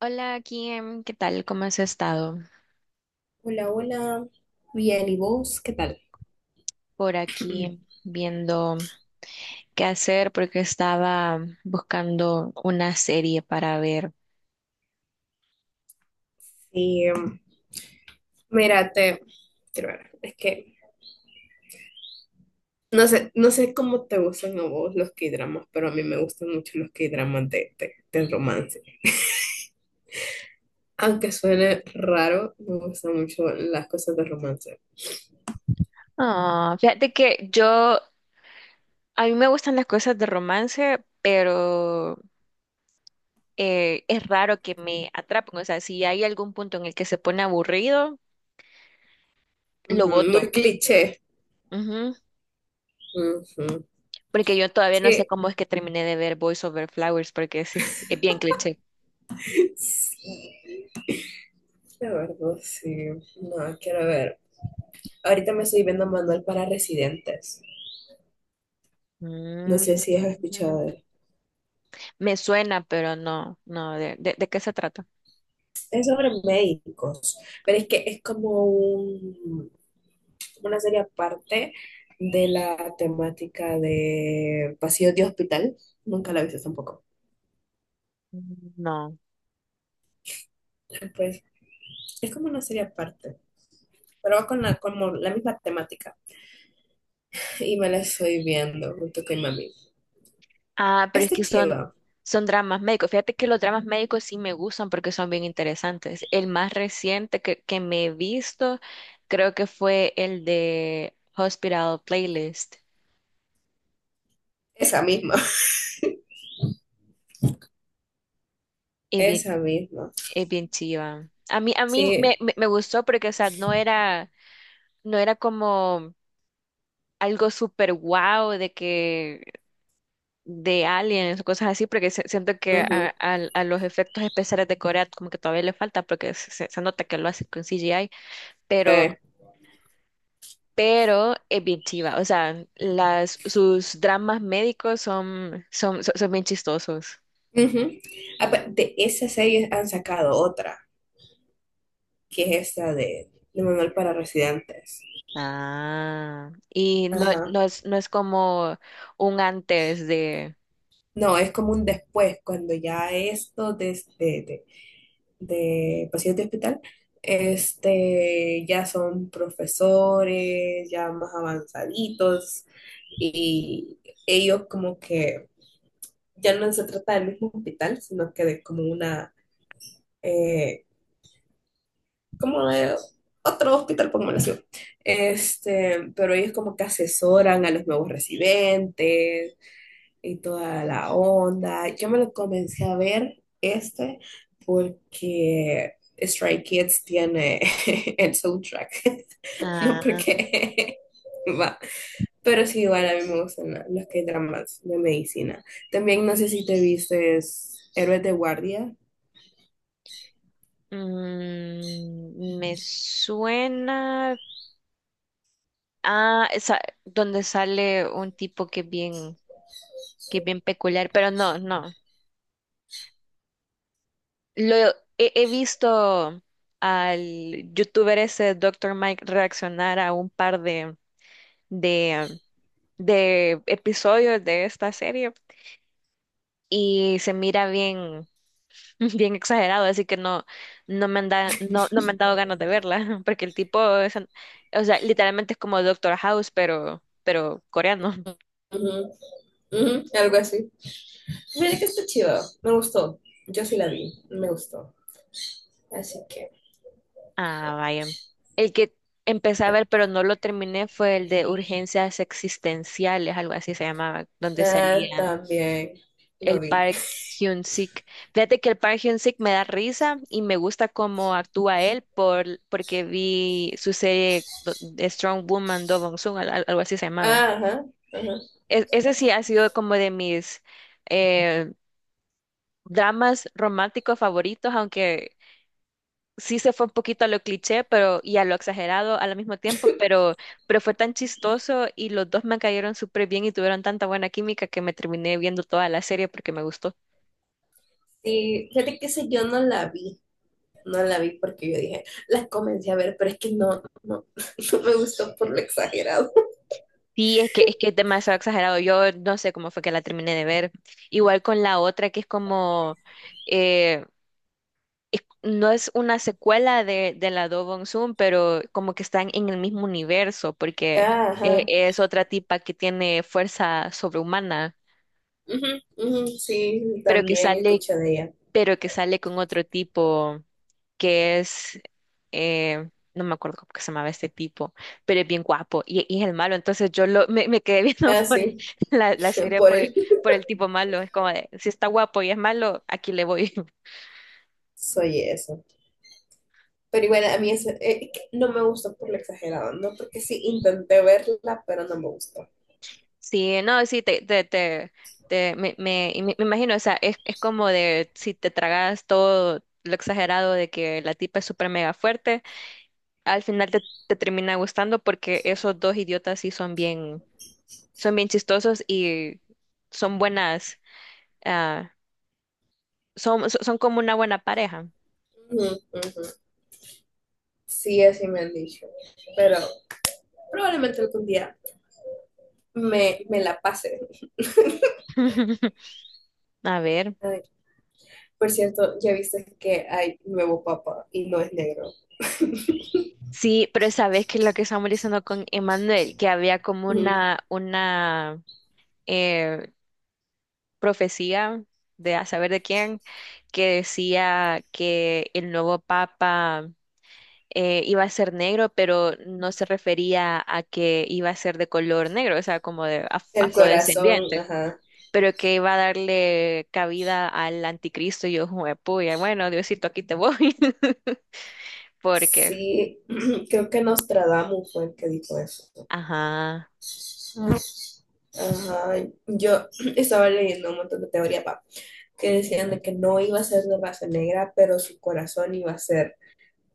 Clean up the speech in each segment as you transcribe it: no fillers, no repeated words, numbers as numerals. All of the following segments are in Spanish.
Hola, Kim, ¿qué tal? ¿Cómo has estado? Hola, hola. Bien, ¿y vos? ¿Qué tal? Por aquí viendo qué hacer porque estaba buscando una serie para ver. Sí, mira, quiero ver, es que no sé cómo te gustan a vos los K-dramas, pero a mí me gustan mucho los K-dramas de romance. Aunque suene raro, me gustan mucho las cosas de romance. Ah, fíjate que yo, a mí me gustan las cosas de romance, pero es raro que me atrapen. O sea, si hay algún punto en el que se pone aburrido, lo Ujú. Muy voto. cliché. Ujú. Ujú. Porque yo todavía no sé Sí, cómo es que terminé de ver Boys Over Flowers, porque ese es bien cliché. sí, la verdad, sí. No, quiero ver. Ahorita me estoy viendo Manual para Residentes. No Mm. sé si has escuchado. Me suena, pero no, no, ¿de qué se trata? Es sobre médicos, pero es que es como como una serie aparte de la temática de pasillos de hospital. Nunca la he visto tampoco. No. Pues es como una serie aparte, pero va con como la misma temática. Y me la estoy viendo junto con mi mami. Ah, pero es Este que son, chiva, son dramas médicos. Fíjate que los dramas médicos sí me gustan porque son bien interesantes. El más reciente que me he visto creo que fue el de Hospital Playlist. esa misma, Es bien, esa misma. es bien chiva. A mí, a mí me, Sí, me, me gustó porque, o sea, no era como algo súper guau de que de aliens o cosas así, porque siento que ujú, a los efectos especiales de Corea como que todavía le falta, porque nota que lo hace con CGI, pero, sí. pero es bien chiva, o sea, las, sus dramas médicos son bien chistosos. Ujú. Ah, pues, de esa serie han sacado otra, que es esta de Manual para Residentes. Ah, y no, Ajá. no es, no es como un antes de... No, es como un después, cuando ya esto de paciente de hospital, este, ya son profesores, ya más avanzaditos, y ellos como que ya no se trata del mismo hospital, sino que de como eh, como de otro hospital, por así. Este, pero ellos como que asesoran a los nuevos residentes, y toda la onda. Yo me lo comencé a ver este porque Stray Kids tiene el soundtrack, no Ah, porque va. Pero sí, igual a mí me gustan los que hay dramas de medicina. También no sé si te viste Héroes de Guardia. mm, me suena... Ah, esa, donde sale un tipo que es bien peculiar, pero no, no. Lo he visto al youtuber ese doctor Mike reaccionar a un par de, de episodios de esta serie y se mira bien, bien exagerado, así que no, no, no me han dado ganas de verla, porque el tipo es, o sea, literalmente es como Doctor House, pero coreano. Ujú, ujú, algo así. Mira que está chido, me gustó. Yo sí la vi, me gustó. Así que Ah, vaya. El que empecé a ajá. ver, pero no lo terminé, fue el de Urgencias Existenciales, algo así se llamaba, donde Ah, salía también el lo vi. Park Hyun-sik. Fíjate que el Park Hyun-sik me da risa y me gusta cómo actúa él por, porque vi su serie de Strong Woman Do Bong-soon, algo así se llamaba. Ajá, ajá. Ese sí ha sido como de mis eh, dramas románticos favoritos, aunque sí se fue un poquito a lo cliché, pero y a lo exagerado al mismo tiempo, pero fue tan chistoso y los dos me cayeron súper bien y tuvieron tanta buena química que me terminé viendo toda la serie porque me gustó. Sí, fíjate que ese yo no la vi, no la vi porque yo dije, las comencé a ver, pero es que no, no, no me gustó por lo exagerado. Sí, es que es demasiado exagerado. Yo no sé cómo fue que la terminé de ver. Igual con la otra que es como, eh, no es una secuela de la Do Bong Soon, pero como que están en el mismo universo porque Ah, ajá, es otra tipa que tiene fuerza sobrehumana ujú, ujú, sí, pero que también sale escuché de ella. pero que sale con otro tipo que es, no me acuerdo cómo que se llamaba este tipo, pero es bien guapo y es el malo. Entonces me quedé viendo Ah, por sí, la serie por por él por el tipo malo. Es como de, si está guapo y es malo, aquí le voy. soy eso. Pero igual a mí eso, es que no me gustó por lo exagerado, ¿no? Porque sí intenté verla, pero no me gustó. Sí, no, sí, me imagino, o sea, es como de si te tragas todo lo exagerado de que la tipa es súper mega fuerte, al final te termina gustando porque esos dos idiotas sí son bien. Son bien chistosos y son buenas, ah, son como una buena pareja. Ujú, ujú. Sí, así me han dicho, pero probablemente algún día me la pase. A ver, Por cierto, ya viste que hay nuevo papa y no es negro. sí, pero sabes que lo que estamos diciendo con Emanuel, que había como Ujú. una eh, profecía de a saber de quién, que decía que el nuevo papa iba a ser negro, pero no se refería a que iba a ser de color negro, o sea, como de El corazón, afrodescendiente. ajá. Pero que va a darle cabida al anticristo y yo, puya, bueno, Diosito, aquí te voy. Porque, Sí, creo que Nostradamus fue el que dijo eso. ajá, Ajá, yo estaba leyendo un montón de teoría, pa, que ujú, decían de que no iba a ser de raza negra, pero su corazón iba a ser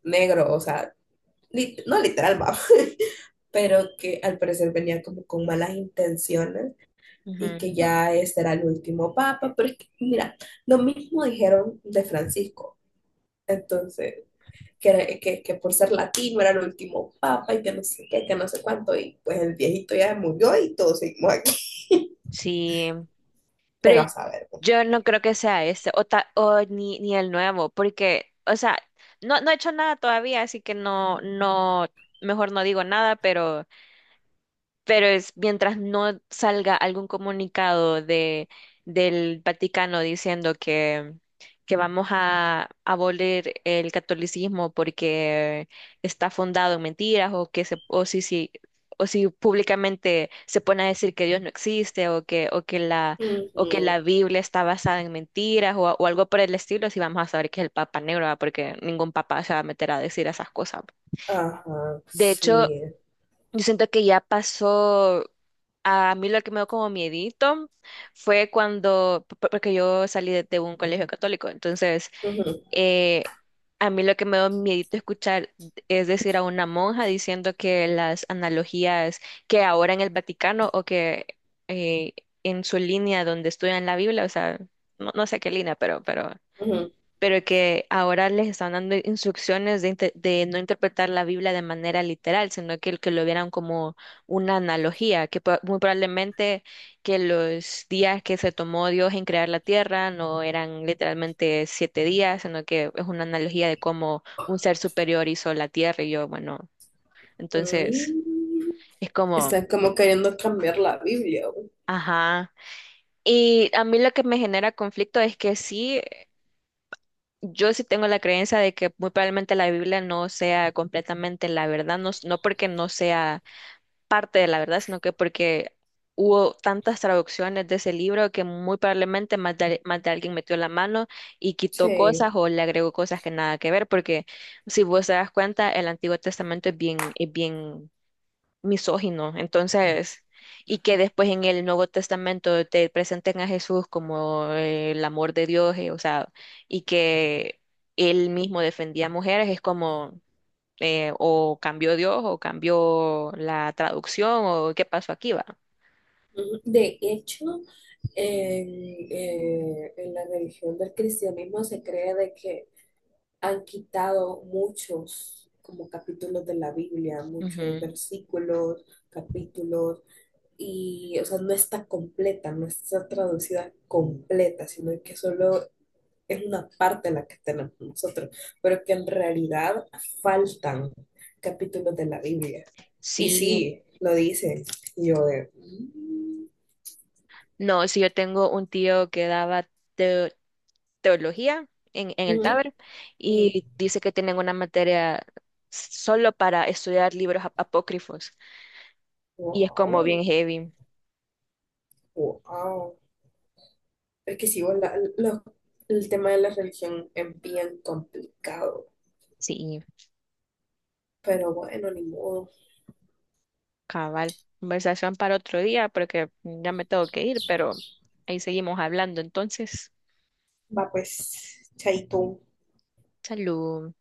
negro, o sea, no literal, va, pero que al parecer venía como con malas intenciones y ujú, que ya este era el último papa, pero es que, mira, lo mismo dijeron de Francisco. Entonces, que por ser latino era el último papa y que no sé qué, que no sé cuánto, y pues el viejito ya murió y todos seguimos aquí. sí, pero Pero a saber, pues. yo no creo que sea este, o, ni el nuevo, porque, o sea, no, no he hecho nada todavía, así que no, no, mejor no digo nada, pero... Pero es mientras no salga algún comunicado de, del Vaticano diciendo que vamos a abolir el catolicismo porque está fundado en mentiras o que se, o si, o si públicamente se pone a decir que Dios no existe o que Ujú, la Biblia está basada en mentiras o algo por el estilo, si vamos a saber que es el Papa Negro, ¿va? Porque ningún papa se va a meter a decir esas cosas. ajá, De hecho, sí. yo siento que ya pasó, a mí lo que me dio como miedito fue cuando, porque yo salí de un colegio católico, entonces Ujú, eh, a mí lo que me dio miedito escuchar es decir a una monja diciendo que las analogías que ahora en el Vaticano o que eh, en su línea donde estudian la Biblia, o sea, no, no sé qué línea, ujú. pero que ahora les están dando instrucciones de, de no interpretar la Biblia de manera literal, sino que lo vieran como una analogía, que muy probablemente que los días que se tomó Dios en crear la tierra no eran literalmente siete días, sino que es una analogía de cómo un ser superior hizo la tierra y yo, bueno, entonces Mm. es como, Están como queriendo cambiar la Biblia, güey. ajá. Y a mí lo que me genera conflicto es que sí. Yo sí tengo la creencia de que muy probablemente la Biblia no sea completamente la verdad, no, no porque no sea parte de la verdad, sino que porque hubo tantas traducciones de ese libro que muy probablemente más de alguien metió la mano y quitó Sí. cosas o le agregó cosas que nada que ver, porque si vos te das cuenta, el Antiguo Testamento es bien misógino. Entonces, y que después en el Nuevo Testamento te presenten a Jesús como el amor de Dios, o sea, y que él mismo defendía a mujeres, es como o cambió Dios o cambió la traducción o qué pasó aquí, va. Ujú. De hecho, en, en la religión del cristianismo se cree de que han quitado muchos como capítulos de la Biblia, muchos Ujú. versículos, capítulos, y o sea, no está completa, no está traducida completa, sino que solo es una parte la que tenemos nosotros, pero que en realidad faltan capítulos de la Biblia. Y Sí, sí, lo dicen. Y yo de: "Mm, no, sí, yo tengo un tío que daba teo- teología en el ujú, Taber ujú, y dice que tienen una materia solo para estudiar libros apócrifos. Y es como wow, bien heavy. wow". Es que sí, bueno, el tema de la religión es bien complicado, Sí, pero bueno, ni modo. cabal. Conversación para otro día porque ya me tengo que ir, pero ahí seguimos hablando. Entonces, Va pues, chaito. salud.